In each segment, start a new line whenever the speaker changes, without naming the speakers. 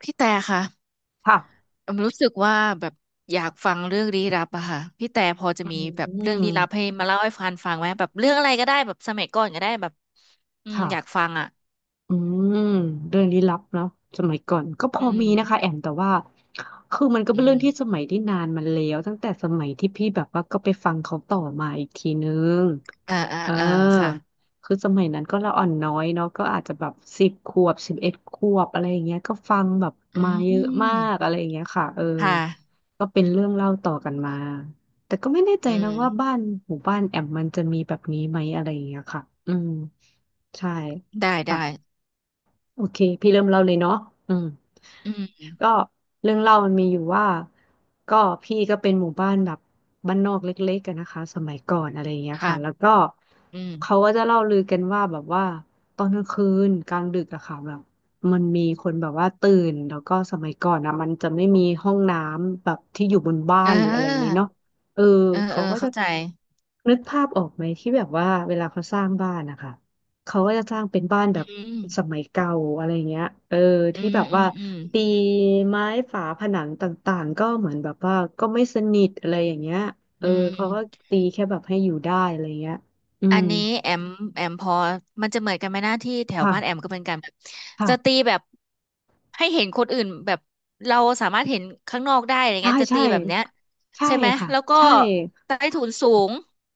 พี่แต่ค่ะ
ค่ะ
อมรู้สึกว่าแบบอยากฟังเรื่องลี้ลับอะค่ะพี่แต่พอจะ
อื
มีแบบเรื่องลี้ลับให้
ม
มาเล่าให้ฟันฟังไหมแบบเรื่องอะไรก็ได้แบบสมัยก่อนก็ได้แบบอืมอยาก
ค่ะ
ฟังอะ
อืมเรื่องลี้ลับเนาะสมัยก่อนก็พ
อื
อ
ม
มีนะคะแอมแต่ว่าคือมันก็เป็น
อื
เรื่
ม
องที่สมัยที่นานมันแล้วตั้งแต่สมัยที่พี่แบบว่าก็ไปฟังเขาต่อมาอีกทีนึง
อ่าอ่า
เออ
อ่าค่ะ
คือสมัยนั้นก็ละอ่อนน้อยเนาะก็อาจจะแบบ10 ขวบ11 ขวบอะไรอย่างเงี้ยก็ฟังแบบ
อื
มาเยอะมาก
ม
อะไรอย่างเงี้ยค่ะเออ
ค่ะ
ก็เป็นเรื่องเล่าต่อกันมาแต่ก็ไม่แน่ใจ
อื
นะ
ม
ว่าบ้านหมู่บ้านแอมมันจะมีแบบนี้ไหมอะไรอย่างเงี้ยค่ะอืมใช่
ได้ได้
โอเคพี่เริ่มเล่าเลยเนาะอืม
อืม
ก็เรื่องเล่ามันมีอยู่ว่าก็พี่ก็เป็นหมู่บ้านแบบบ้านนอกเล็กๆกันนะคะสมัยก่อนอะไรอย่างเงี้ย
ค่ะ
ค่ะแล้วก็
อืม
เขาก็จะเล่าลือกันว่าแบบว่าตอนกลางคืนกลางดึกอะค่ะแบบมันมีคนแบบว่าตื่นแล้วก็สมัยก่อนอะมันจะไม่มีห้องน้ำแบบที่อยู่บนบ้า
เ
นหรืออะไรอย่างเงี้ย
ออ
เนาะเออ
เออเอ
เขา
อ
ก็จะ
เข้าใจ
นึกภาพออกไหมที่แบบว่าเวลาเขาสร้างบ้านนะคะ เขาก็จะสร้างเป็นบ้านแบ
อื
บ
ม
สมัยเก่าอะไรเงี้ยเออ
อื
ที่แบ
ม
บ
อื
ว่า
มอืม
ตีไม้ฝาผนังต่างๆก็เหมือนแบบว่าก็ไม่สนิทอะไรอย่างเงี้ยเอ
อื
อเขาก็
ม
ตีแค่แบบให้อยู่ได้อะไรเงี้ยอื
อั
ม
นนี้แอมแอมพอมันจะเหมือนกันไหมหน้าที่แถว
ค่ะ
บ้านแอมก็เป็นการแบบจะตี
ค่ะ
แบบให้เห็นคนอื่นแบบเราสามารถเห็นข้างนอกได้อะไร
ใช่
เงี้ยจะ
ใช่
ตีแบบเนี้ย
ใช่
ใช่ไหม
ค่ะ
แล้วก็
ใช่
ใต้ถุนสูง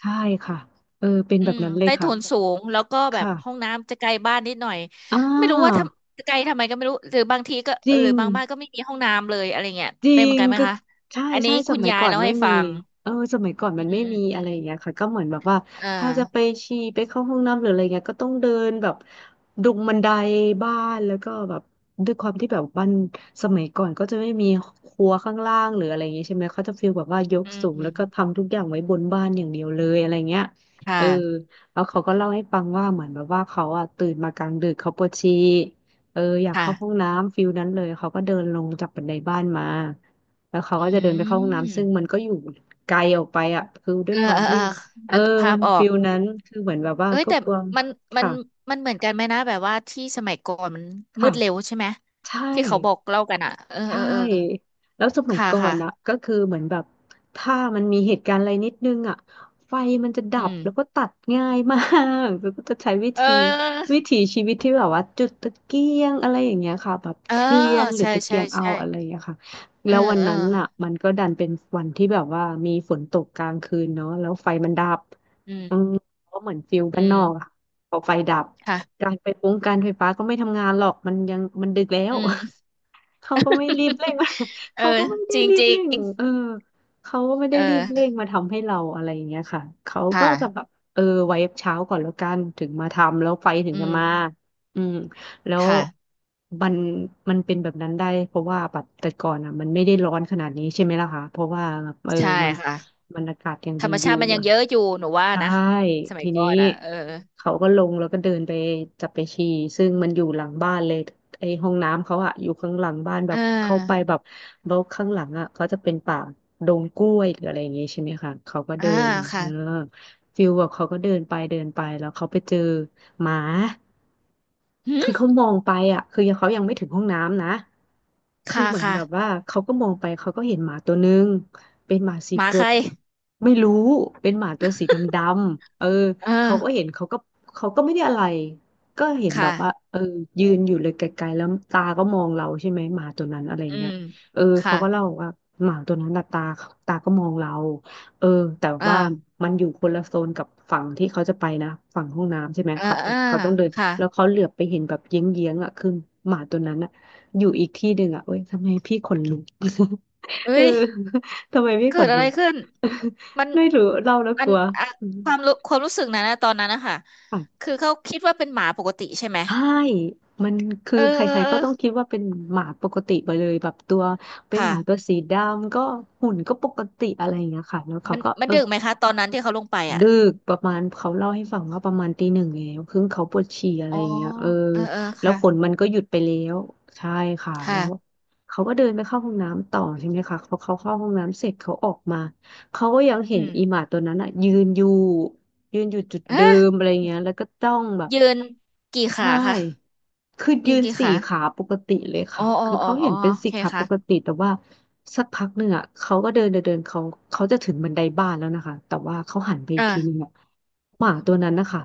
ใช่ค่ะเออเป็น
อื
แบบ
ม
นั้นเลย
ใต้
ค่ะ
ถุนสูงแล้วก็แบบ
ค่ะ
ห้องน้ำจะไกลบ้านนิดหน่อย
อ่
ไม่รู้ว่าท
า
ำไกลทำไมก็ไม่รู้หรือบางทีก็
จริ
หรือ
ง
บางบ้านก็ไม่มีห้องน้ำเลยอะไรเงี้ย
จริ
เป็นเหมือ
ง
นกันไหม
ก็
คะ
ใช่
อัน
ใช่
นี้
ส
คุณ
มัย
ยาย
ก่อน
เล่า
ไม่
ให้
มี
ฟัง
เออสมัยก่อน
อื
มั
ม
นไม่
อืม
มี
อื
อะไร
ม
อย่างเงี้ยค่ะก็เหมือนแบบว่า
อ่
ถ้าจะไป
า
ฉี่ไปเข้าห้องน้ำหรืออะไรเงี้ยก็ต้องเดินแบบดุงบันไดบ้านแล้วก็แบบด้วยความที่แบบบ้านสมัยก่อนก็จะไม่มีครัวข้างล่างหรืออะไรอย่างเงี้ยใช่ไหมเขาจะฟีลแบบว่ายก
อืม
สูง
อื
แล้
ม
วก็ทำทุกอย่างไว้บนบ้านอย่างเดียวเลยอะไรเงี้ย
ค่ะ
เออแล้วเขาก็เล่าให้ฟังว่าเหมือนแบบว่าเขาอะตื่นมากลางดึกเขาปวดฉี่ เอออยากเข้าห้อง
ค่ะ
น้ำฟิลนั้นเลยเขาก็เดินลงจากบันไดบ้านมาแล้วเขา
อื
ก็จะเดินไปเข้าห้องน้ำซึ่งมัน
ม
ก็อยู่ไกลออกไปอ่ะคือด้ว
เอ
ย
อ
ควา
เอ
ม
อเอ
ที่
อ
เออ
นึกภา
มั
พ
น
ออ
ฟิ
ก
ลนั้นคือเหมือนแบบว่า
เอ้ย
ก็
แต่
กลัว
มันมัน
ค่ะ
มันเหมือนกันไหมนะแบบว่าที่สมัยก่อนมันมื
ค่ะ
ดเร็วใช่ไหม
ใช่
ที่เขาบอกเล่ากันอ่ะเออ
ใช่
เออเออ
แล้วสมัย
ค่ะ
ก่อน
ค่ะ
นะก็คือเหมือนแบบถ้ามันมีเหตุการณ์อะไรนิดนึงอ่ะไฟมันจะดั
อื
บแล้วก็
ม
ตัดง่ายมาก แล้วก็จะใช้วิ
เอ
ธี
อ
วิถีชีวิตที่แบบว่าจุดตะเกียงอะไรอย่างเงี้ยค่ะแบบ
เออ
เทียนหรือ
ใช่
ตะเกี
ใช่
ยงเอา
ใช่
อะไรอย่างเงี้ยค่ะ
เอ
แล้
อ
ววัน
เออ
นั้นอ่ะมันก็ดันเป็นวันที่แบบว่ามีฝนตกกลางคืนเนาะแล้วไฟมันดับ
อืม
อืมก็เหมือนฟิล
อื
บ้านน
ม
อกอะพอไฟดับ
ค่ะ
การไฟฟ้าก็ไม่ทำงานหรอกมันยังมันดึกแล้
อื
ว
ม
เขาก็ไม่รีบเร่ง
เอ
เขา
อ
ก็ไม่ได้
จริง
รี
จ
บ
ริ
เร่ง
ง
เออเขาก็ไม่
เอ
ได้รีบเร่
อ
งมาทำให้เราอะไรอย่างเงี้ยค่ะเขา
ค
ก็จะแบ
่ะ
บเออไว้เช้าก่อนแล้วกัน ถึงมาทำแล้วไฟถึง
อื
จะมา
ม
อืมแล้ว
ค่ะ
มันมันเป็นแบบนั้นได้ เพราะว่าแบบแต่ก่อนอ่ะมันไม่ได้ร้อนขนาดนี้ใช่ไหมล่ะคะเพราะว่าเออ
ใช่
มัน
ค่ะ
มันอากาศยัง
ธร
ดี
รม
อ
ชา
ยู่
ติมันยังเยอะอยู่หนูว่า
ใช่
นะสมั
ที
ยก่
นี้
อนอ่ะเออ
เขาก็ลงแล้วก็เดินไปจับไปฉี่ซึ่งมันอยู่หลังบ้านเลยไอ้ห้องน้ำเขาอะอยู่ข้างหลังบ้านแบ
เ
บเข้าไป
ออ
แบบรกข้างหลังอะเขาจะเป็นป่าดงกล้วยหรืออะไรอย่างงี้ใช่ไหมคะเขาก็
อ่า
เดินเอ
ค่ะ
อฟิลแบบเขาก็เดินไปเดินไปแล้วเขาไปเจอหมา
หืม
คือเขามองไปอ่ะคือยังเขายังไม่ถึงห้องน้ำนะคือ
ค่ะ
เหมือน
ค่ะ
แบบว่าเขาก็มองไปเขาก็เห็นหมาตัวนึงเป็นหมาสี
หมา
ตั
ใค
ว
ร
ไม่รู้เป็นหมาตัวสีดำๆเออ
เอ
เขาก็
อ
เห็นเขาก็ไม่ได้อะไรก็เห็น
ค
แบบว่า
่ะ
เออยืนอยู่เลยไกลๆแล้วตาก็มองเราใช่ไหมหมาตัวนั้นอะไร
อื
เงี้ย
ม
เออเขา
ค่ะ
ก็เล่าว่าหมาตัวนั้นน่ะตาก็มองเราเออแต่
เอ่า
ว่ามันอยู่คนละโซนกับฝั่งที่เขาจะไปนะฝั่งห้องน้ำใช่ไหม
อ่า
เขา
อ่า
เขาต้องเดิน
ค่ะ
แล้วเขาเหลือบไปเห็นแบบเยื้องๆอ่ะคือหมาตัวนั้นอ่ะอยู่อีกที่หนึ่งอ่ะเว้ยทำไมพี่ขนลุก
เอ้
เออ
ย
ทำไมพี่
เกิ
ข
ด
น
อะ
ลุ
ไร
ก
ขึ้นมัน
ไม่รู้เล่าแล้ว
อั
ก
น
ลัว
อะ
อืม
ความรู้ความรู้สึกนั้นนะตอนนั้นนะคะ
ค่ะ
คือเขาคิดว่าเป็นหมาปกติใช่ไหม
ใช่มันคือ
เออ
ใค
เอ
ร
อ
ๆ
เอ
ก็
อ
ต้องคิดว่าเป็นหมาปกติไปเลยแบบตัวเป็นห
ค่ะ
มาตัวสีดำก็หุ่นก็ปกติอะไรอย่างเงี้ยค่ะแล้วเขาก็
มัน
เออ
ดึกไหมคะตอนนั้นที่เขาลงไปอ่ะ
ดึกประมาณเขาเล่าให้ฟังว่าประมาณตีหนึ่งแล้วคือเขาปวดฉี่อะไร
อ๋อ
อย่างเงี้ยเออ
เออเออ
แล้ว
ค่ะ
ฝนมันก็หยุดไปแล้วใช่ค่ะแล้ว
ค่ะ
เขาก็เดินไปเข้าห้องน้ำต่อใช่ไหมคะพอเขาเข้าห้องน้ำเสร็จเขาออกมาเขาก็ยังเห็
อื
น
ม
อีหมาตัวนั้นอ่ะยืนอยู่ยืนอยู่จุดเดิ
เอ๊ะ
มอะไรเงี้ยแล้วก็จ้องแบบ
ยืนกี่
ใช่
ขาคะ
คือยื
ยืน
น
กี่
สี่
ขา
ขาปกติเลย
อ๋
ค่ะ
ออ๋อ
คือ
อ๋อ
เขา
อ๋
เห็
อ
นเป็น
โอ
สี่
เค
ขาปกติ
ค่ะ
แต่ว่าสักพักหนึ่งอ่ะเขาก็เดินเดินเดินเขาจะถึงบันไดบ้านแล้วนะคะแต่ว่าเขาหันไป
เอ
อีก
อ
ทีนึงอ่ะหมาตัวนั้นนะคะ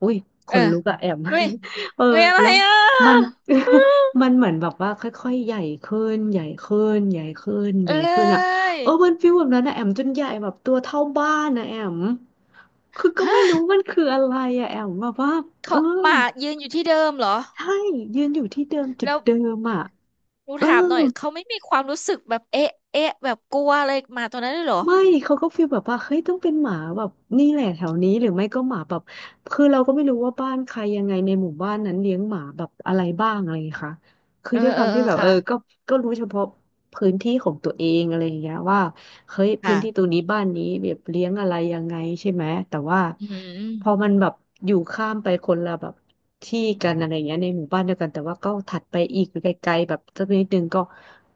อุ้ยข
เออ
นลุกอะแอม
เฮ้ย
เออ
เฮ้ยอะไร
แล้ว
อ่ะ
มัน
อื้อ
มันเหมือนแบบว่าค่อยๆใหญ่ขึ้นใหญ่ขึ้นใหญ่ขึ้นให
เอ้
ญ่ขึ้นอ่ะ
ย
เออมันฟีลแบบนั้นนะแอมจนใหญ่แบบตัวเท่าบ้านนะแอมคือก็ไม่
ฮะ
รู้มันคืออะไรอะแอมแบบว่าเอ
เขา
อ
หมายืนอยู่ที่เดิมเหรอ
ใช่ยืนอยู่ที่เดิมจุด
แล้ว
เดิมอ่ะ
หนู
เออ
ถามหน่อยเขาไม่มีความรู้สึกแบบเอ๊ะเอ๊ะแบบกลัวอะไรหมาตัวนั้นเลยเหรอ
ไม่เขาก็ฟีลแบบว่าเฮ้ยต้องเป็นหมาแบบนี่แหละแถวนี้หรือไม่ก็หมาแบบคือเราก็ไม่รู้ว่าบ้านใครยังไงในหมู่บ้านนั้นเลี้ยงหมาแบบอะไรบ้างอะไรอย่างเงี้ยค่ะคือ
เออ
ด้วยค
เอ
วา
อ
ม
เอ
ที่
อ
แบบเอ
ค่ะ
อก็รู้เฉพาะพื้นที่ของตัวเองอะไรอย่างเงี้ยว่า เฮ้ยพื้นที่ตร
ค่ะ
งนี้บ้านนี้แบบเลี้ยงอะไรยังไงใช่ไหมแต่ว่า
อื
พอ
ม
มันแบบอยู่ข้ามไปคนละแบบที่กันอะไรเงี้ยในหมู่บ้านเดียวกันแต่ว่าก็ถัดไปอีกไกลๆแบบสักนิดนึงก็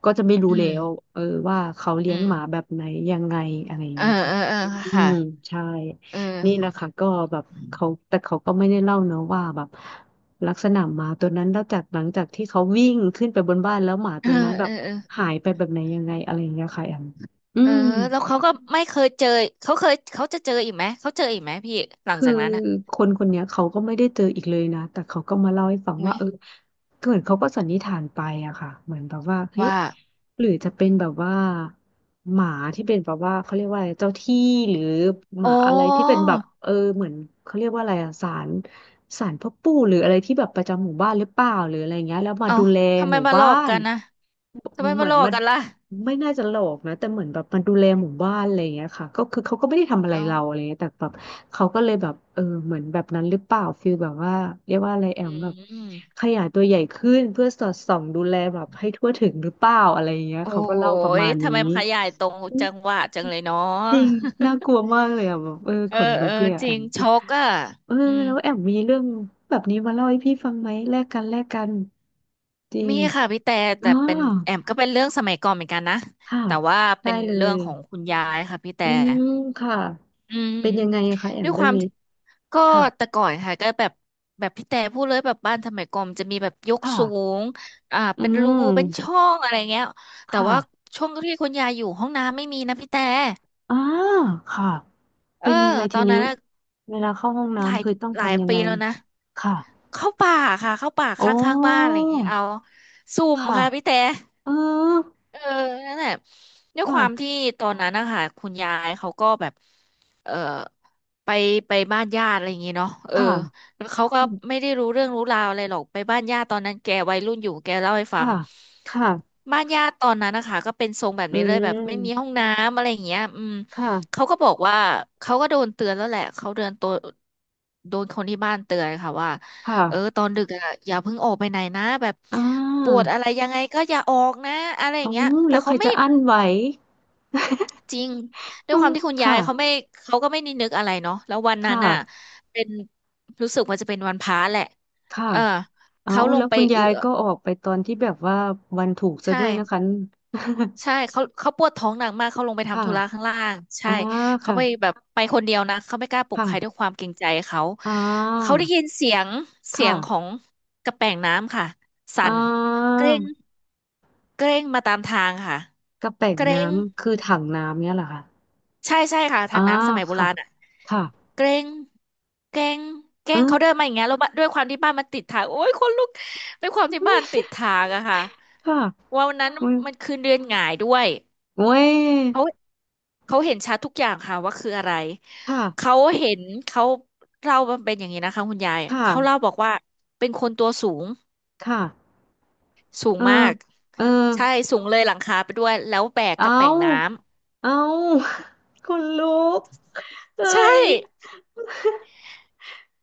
จะไม่รู้
อื
แล้
ม
วเออว่าเขาเลี้
อื
ยง
ม
หมาแบบไหนยังไงอะไร
เออ
เงี้ยค่ะ
เออเออ
อื
ค่ะ
มใช่
เออ
นี่แหละค่ะก็แบบเขาแต่เขาก็ไม่ได้เล่าเนอะว่าแบบลักษณะหมาตัวนั้นแล้วจากหลังจากที่เขาวิ่งขึ้นไปบนบ้านแล้วหมา
เอ
ตั
อ
วนั้นแบ
เอ
บ
อเออ
หายไปแบบไหนยังไงอะไรอย่างเงี้ยค่ะแอมอื
เออ
ม
แล้วเขาก็ไม่เคยเจอเขาจะเจออีกไหมเขาเจออีกไหมพี่หลัง
คือ
จากนั้นอ่ะ
คนคนเนี้ยเขาก็ไม่ได้เจออีกเลยนะ แต่เขาก็มาเล่าให้ฟัง
อุ้
ว่า
ย
เออเหมือนเขาก็สันนิษฐานไปอะค่ะเหมือนแบบว่าเฮ้ย
ว่า
หรือจะเป็นแบบว่าหมาที่เป็นแบบว่าเขาเรียกว่าอะไรเจ้าที่หรือห
อ๋อ
มาอะไรที่เป็นแบบเออเหมือนเขาเรียกว่าอะไรอะศาลศาลพ่อปู่หรืออะไรที่แบบประจำหมู่บ้านหรือเปล่าหรืออะไรเงี้ยแล้วมา
เอ้า
ดูแล
ทำไม
หมู่
มาหล
บ้า
อก
น
กันนะทำไม
เห
มา
มือ
หล
น
อก
มัน
กันล่ะ
ไม่น่าจะหลอกนะแต่เหมือนแบบมันดูแลหมู่บ้านอะไรอย่างเงี้ยค่ะก็คือเขาก็ไม่ได้ทำอะไร
เอ้า
เราอะไรเงี้ยแต่แบบเขาก็เลยแบบเออเหมือนแบบนั้นหรือเปล่าฟีลแบบว่าเรียกว่าอะไรแอ
อ
มแบบ
ืม
ขยายตัวใหญ่ขึ้นเพื่อสอดส่องดูแลแบบให้ทั่วถึงหรือเปล่าอะไรอย่างเงี้ย
โอ้
เขาก็เล่าประ
ย
มาณ
ทำ
นี้
ไมขยายตรง
อืม
จังหวะจังเลยเนาะ
จริงน่ากลั วมากเลยอ่ะแบบเออ
เอ
ข
อ
นลุ
เอ
ก
อ
เลยอ่ะ
จ
แอ
ริง
ม
ช็อกอ่ะ
เอ
อื
อ
ม
แล้วแอมมีเรื่องแบบนี้มาเล่าให้พี่ฟังไหมแลกกันแลกกันจริ
มี
ง
ค่ะพี่แต่
อ๋
แต่
อ
เป็นแอมก็เป็นเรื่องสมัยก่อนเหมือนกันนะ
ค่ะ
แต่ว่า
ได้
เป็น
เล
เรื่อง
ย
ของคุณยายค่ะพี่แต่
อืมค่ะ
อืม
เป็นยังไงอะคะแอ
ด้
ม
วยค
เรื่อ
วา
ง
ม
นี้
ที่ก็
ค่ะ
แต่ก่อนค่ะก็แบบแบบพี่แต่พูดเลยแบบบ้านสมัยก่อนมันจะมีแบบยก
ค่ะ
สูงอ่า
อื
เป็นรูเป็น
ม
ช่องอะไรเงี้ยแต่
ค่ะ
ว่าช่วงที่คุณยายอยู่ห้องน้ำไม่มีนะพี่แต่
อ่าค่ะ
เอ
เป็
อ
นยังไง
ต
ที
อน
นี้
นั้นน่ะ
เวลาเข้าห้อง
หลาย
น้ำคือต้อง
หลาย
ทำยัง
ปี
ไง
แล้วนะ
ค่ะ
เข้าป่าค่ะเข้าป่าข
โอ้
้างๆบ้านอะไรอย่างเงี้ยเอาสุ่ม
ค่ะ
ค่ะพี่แต่
เออ
เออนั่นแหละด้วยความ
ค่ะ
ที่ตอนนั้นนะคะคุณยายเขาก็แบบเออไปไปบ้านญาติอะไรอย่างงี้เนาะเออ
ค่ะ
แล้วเขาก็
อืม
ไม่ได้รู้เรื่องรู้ราวอะไรหรอกไปบ้านญาติตอนนั้นแกวัยรุ่นอยู่แกเล่าให้ฟั
ค่ะ
ง
ค่ะ
บ้านญาติตอนนั้นนะคะก็เป็นทรงแบบ
อื
นี้เลยแบบไม่มีห้อ
ม
งน้ำอะไรอย่างเงี้ยอืม
ค
เขา
่ะ
ก็บอกว่าเขาก็โดนเตือนแล้วแหละเขาเดินตัวโดนคนที่บ้านเตือนค่ะว่า
ค่ะ
เออตอนดึกอ่ะอย่าเพิ่งออกไปไหนนะแบบ
อ่
ปวด
า
อะไรยังไงก็อย่าออกนะอะไรอ
อ๋
ย่า
อ
งเงี้ยแต่
แล้วใค
เขา
ร
ไม่
จะอั้นไหว
จริงด้ว
เอ
ย
อ
ความที่คุณยา
ค่ะ
ยเขาไม่เขาก็ไม่นึกอะไรเนาะแล้ววันนั้น
ค่ะ
อ่ะเป็นรู้สึกว่าจะเป็นวันพระแหละ
ค่ะ
เออ
เอ้า
เขาลง
แล้ว
ไป
คุณ
เอื
ยาย
อ
ก็ออกไปตอนที่แบบว่าวันถูกซะ
ใช่
ด้วยนะคะ
ใช่เขาปวดท้องหนักมากเขาลงไป
ค
ทำธุระข้าง
่ะ
ล่างใช่
อ่า
เขา
ค่ะ
ไปแบบไปคนเดียวนะเขาไม่กล้าปลุกใครด้วย
ค่ะ
ความเกรงใจเขา
อ่
เขา
า
ได้ยินเสียงของ
ค่ะ
กระแป่งน้ำค่ะ
อ่
สั่น
า
เกร็ง เกรงมาตามทางค่ะ
กระแป่ง
เกรง
น้ำคือถังน้ำเนี่ยเหรอคะ
ใช่ใช่ค่ะทา
อ่า
งน้ำสมัยโบ
ค่ะ
ราณอ่ะ
ค่ะ
เกรงเกรงเกร
เอ
งเขาเดิน
อ
มาอย่างเงี้ยแล้วบ้านด้วยความที่บ้านมันติดทางโอ้ยคนลุกด้วยความที่บ้านติดทางอะค่ะ
ค่ะ
วันนั้น
อุ้ย
มันคือเดือนหงายด้วย
โอ้ย
เขาเขาเห็นชัดทุกอย่างค่ะว่าคืออะไร
ค่ะ
เขาเห็นเขาเล่ามันเป็นอย่างนี้นะคะคุณยาย
ค
เขาเล่า
่ะ
บอกว่าเป็นคนตัวสูง
ค่ะ
สูง
เออ
มาก
เออ
ใช่ สูงเลยหลังคาไปด้วย แล้วแบก
เอ
กระแป่งน้
าเอา คนลุกเอ้
ำ ใช่
ย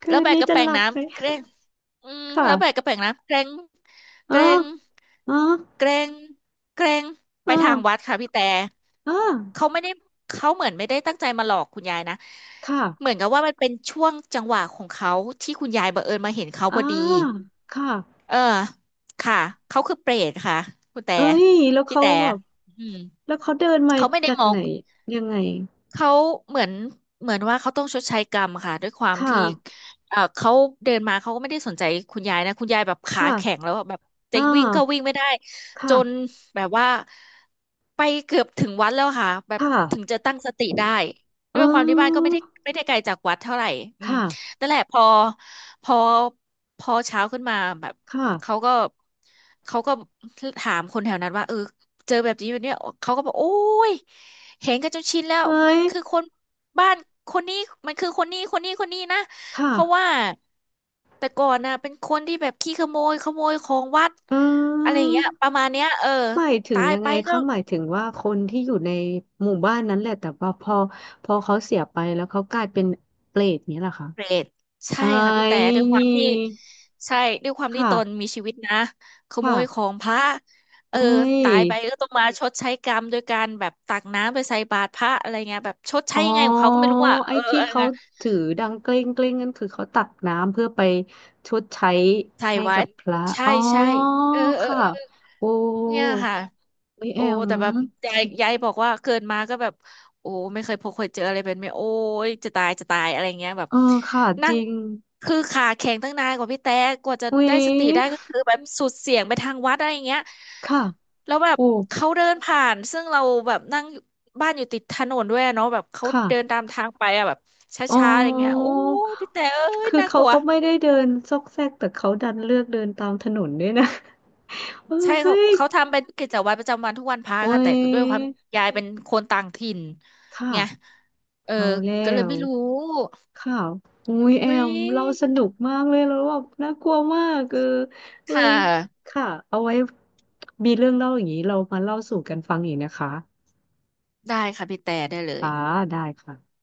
คื
แล้ว
น
แบก
นี้
กระ
จะ
แป
ห
ง
ลับไหม
น้ำเกรง
ค่ะ
แล้วแบกกระแปงน้ำ
เอ
เก
อ
รง
เออ
เกรงเกรง
เอ
ไป
อ
ทางวัดค่ะพี่แต่
อ่า
เขาไม่ได้เขาเหมือนไม่ได้ตั้งใจมาหลอกคุณยายนะ เหมื
ค่ะ
อนกับว่ามันเป็นช่วงจังหวะของเขาที่คุณยายบังเอิญมาเห็นเขา
อ่า
พอดี
ค่ะ
เออ ค่ะ เขาคือเปรตค่ะคุณแต่
เอ้ยแล้ว
พี่
เขา
แต่
แบบ
อืม
แล้วเขาเดินมา
เขาไม่ได้
จาก
มอ
ไห
ง
นยังไง
เขาเหมือนเหมือนว่าเขาต้องชดใช้กรรมค่ะด้วยความ
ค่ะ
ที่เขาเดินมาเขาก็ไม่ได้สนใจคุณยายนะคุณยายแบบขาแข็ง
ค่ะ
แล้วอะแบบจะ
อ่า
วิ่งก็วิ่งไม่ได้จน
ค่ะ
แบบว่าไปเกือบถึงวัดแล้วค่ะแบ
ค
บถึง
่ะ
จะตั้งสติได้
เ
ด้วยความที่บ้านก็
ออ
ไม่ได้ไกลจากวัดเท่าไหร่อืม
ค่ะ
นั่นแหละพอพอเช้าขึ้นมาแบบ
ค
เขา
่ะ
ก็เขาก็ถามคนแถวนั้นว่าเออ เจอแบบนี้แบบเนี้ยเขาก็บอกโอ้ยเห็นกันจนชินแล้ว
เอ้
มัน
ย
คือคนบ้านคนนี้มันคือคนนี้นะเพราะ
ค่ะ
ว่าแต่ก่อนนะเป็นคนที่แบบขี้ขโมยขโมยของวัด
อื
อะไรอย่าง
ม
เงี้ยประมาณเนี้ยเออ
หมายถึง
ตาย
ยัง
ไป
ไง
ก็
คะหมายถึงว่าคนที่อยู่ในหมู่บ้านนั้นแหละแต่ว่าพอเขาเสียไปแล้วเขากลายเป็นเปรตเนี้ยเหรอคะ
เปรตใช่
เอ้
ค่ะพี่แต่
ย
ด้วยความที่ใช่ด้วยความที่
ค่ะ
ตนมีชีวิตนะขโมยขอ
ค่ะ
งพระเอ
เอ้
อ
ย
ตายไปก็ต้องมาชดใช้กรรมโดยการแบบตักน้ำไปใส่บาตรพระอะไรเงี้ยแบบชดใช้
อ๋อ
ยังไงของเขาก็ไม่รู้อ่ะ
ไอ้
เออ
ที่
อะไร
เขา
เอ
ถือดังเกล้งเกล้งนั่นคือเขาตักน้ำเพื่อไปชดใช้
ไาย
ให้
ไวั
กับ
ด
พระ
ใช่
อ๋อ
ใช่เออเออ
ค่ะ
เออ
โอ้
เนี่ยค่ะ
เฮ้ยแอ
โอ้
ม
แต่แบบยายบอกว่าเกินมาก็แบบโอ้ไม่เคยพบเคยเจออะไรเป็นไหมโอ้ยจะตายอะไรเงี้ยแบบ
เออค่ะจ
นั่ง
ริง
คือขาแข็งตั้งนานกว่าพี่แต่กว่าจะ
เว้ย
ได้สติได้ก็คือแบบสุดเสียงไปทางวัดอะไรเงี้ย
ค่ะ
แล้วแบบ
โอ้
เขาเดินผ่านซึ่งเราแบบนั่งบ้านอยู่ติดถนนด้วยอะเนาะแบบเขาเดิน
ค่ะ
ตามทางไปอะแบบช
อ๋
้าๆอะไรเงี้ย
อ
โอ้ยพี่แต่เอ้ย
คือ
น่าก
เขา
ลัว
ก็ไม่ได้เดินซอกแซกแต่เขาดันเลือกเดินตามถนนด้วยนะ เออ
ใช่
เฮ้
เขา
ย
เขาทำเป็นกิจวัตรประจำวันทุกวันพระ
โอ้
ค่ะแต่
ย
ด้วยความยายเป็นคนต่างถิ่น
ค่ะ
ไงเออ
เอาแล้
ก็เลย
ว
ไม่รู้
ค่ะ อุ้ยแอ
อุ้ย
มเราสนุกมากเลยแล้วแบบน่ากลัวมากเออเอ้
ค่
ย
ะ
ค่ะ เอาไว้มีเรื่องเล่าอย่างนี้เรามาเล่าสู่กันฟังอีกนะคะ
ได้ค่ะพี่แต่ได้เลย
ค่ะได้ค่ะ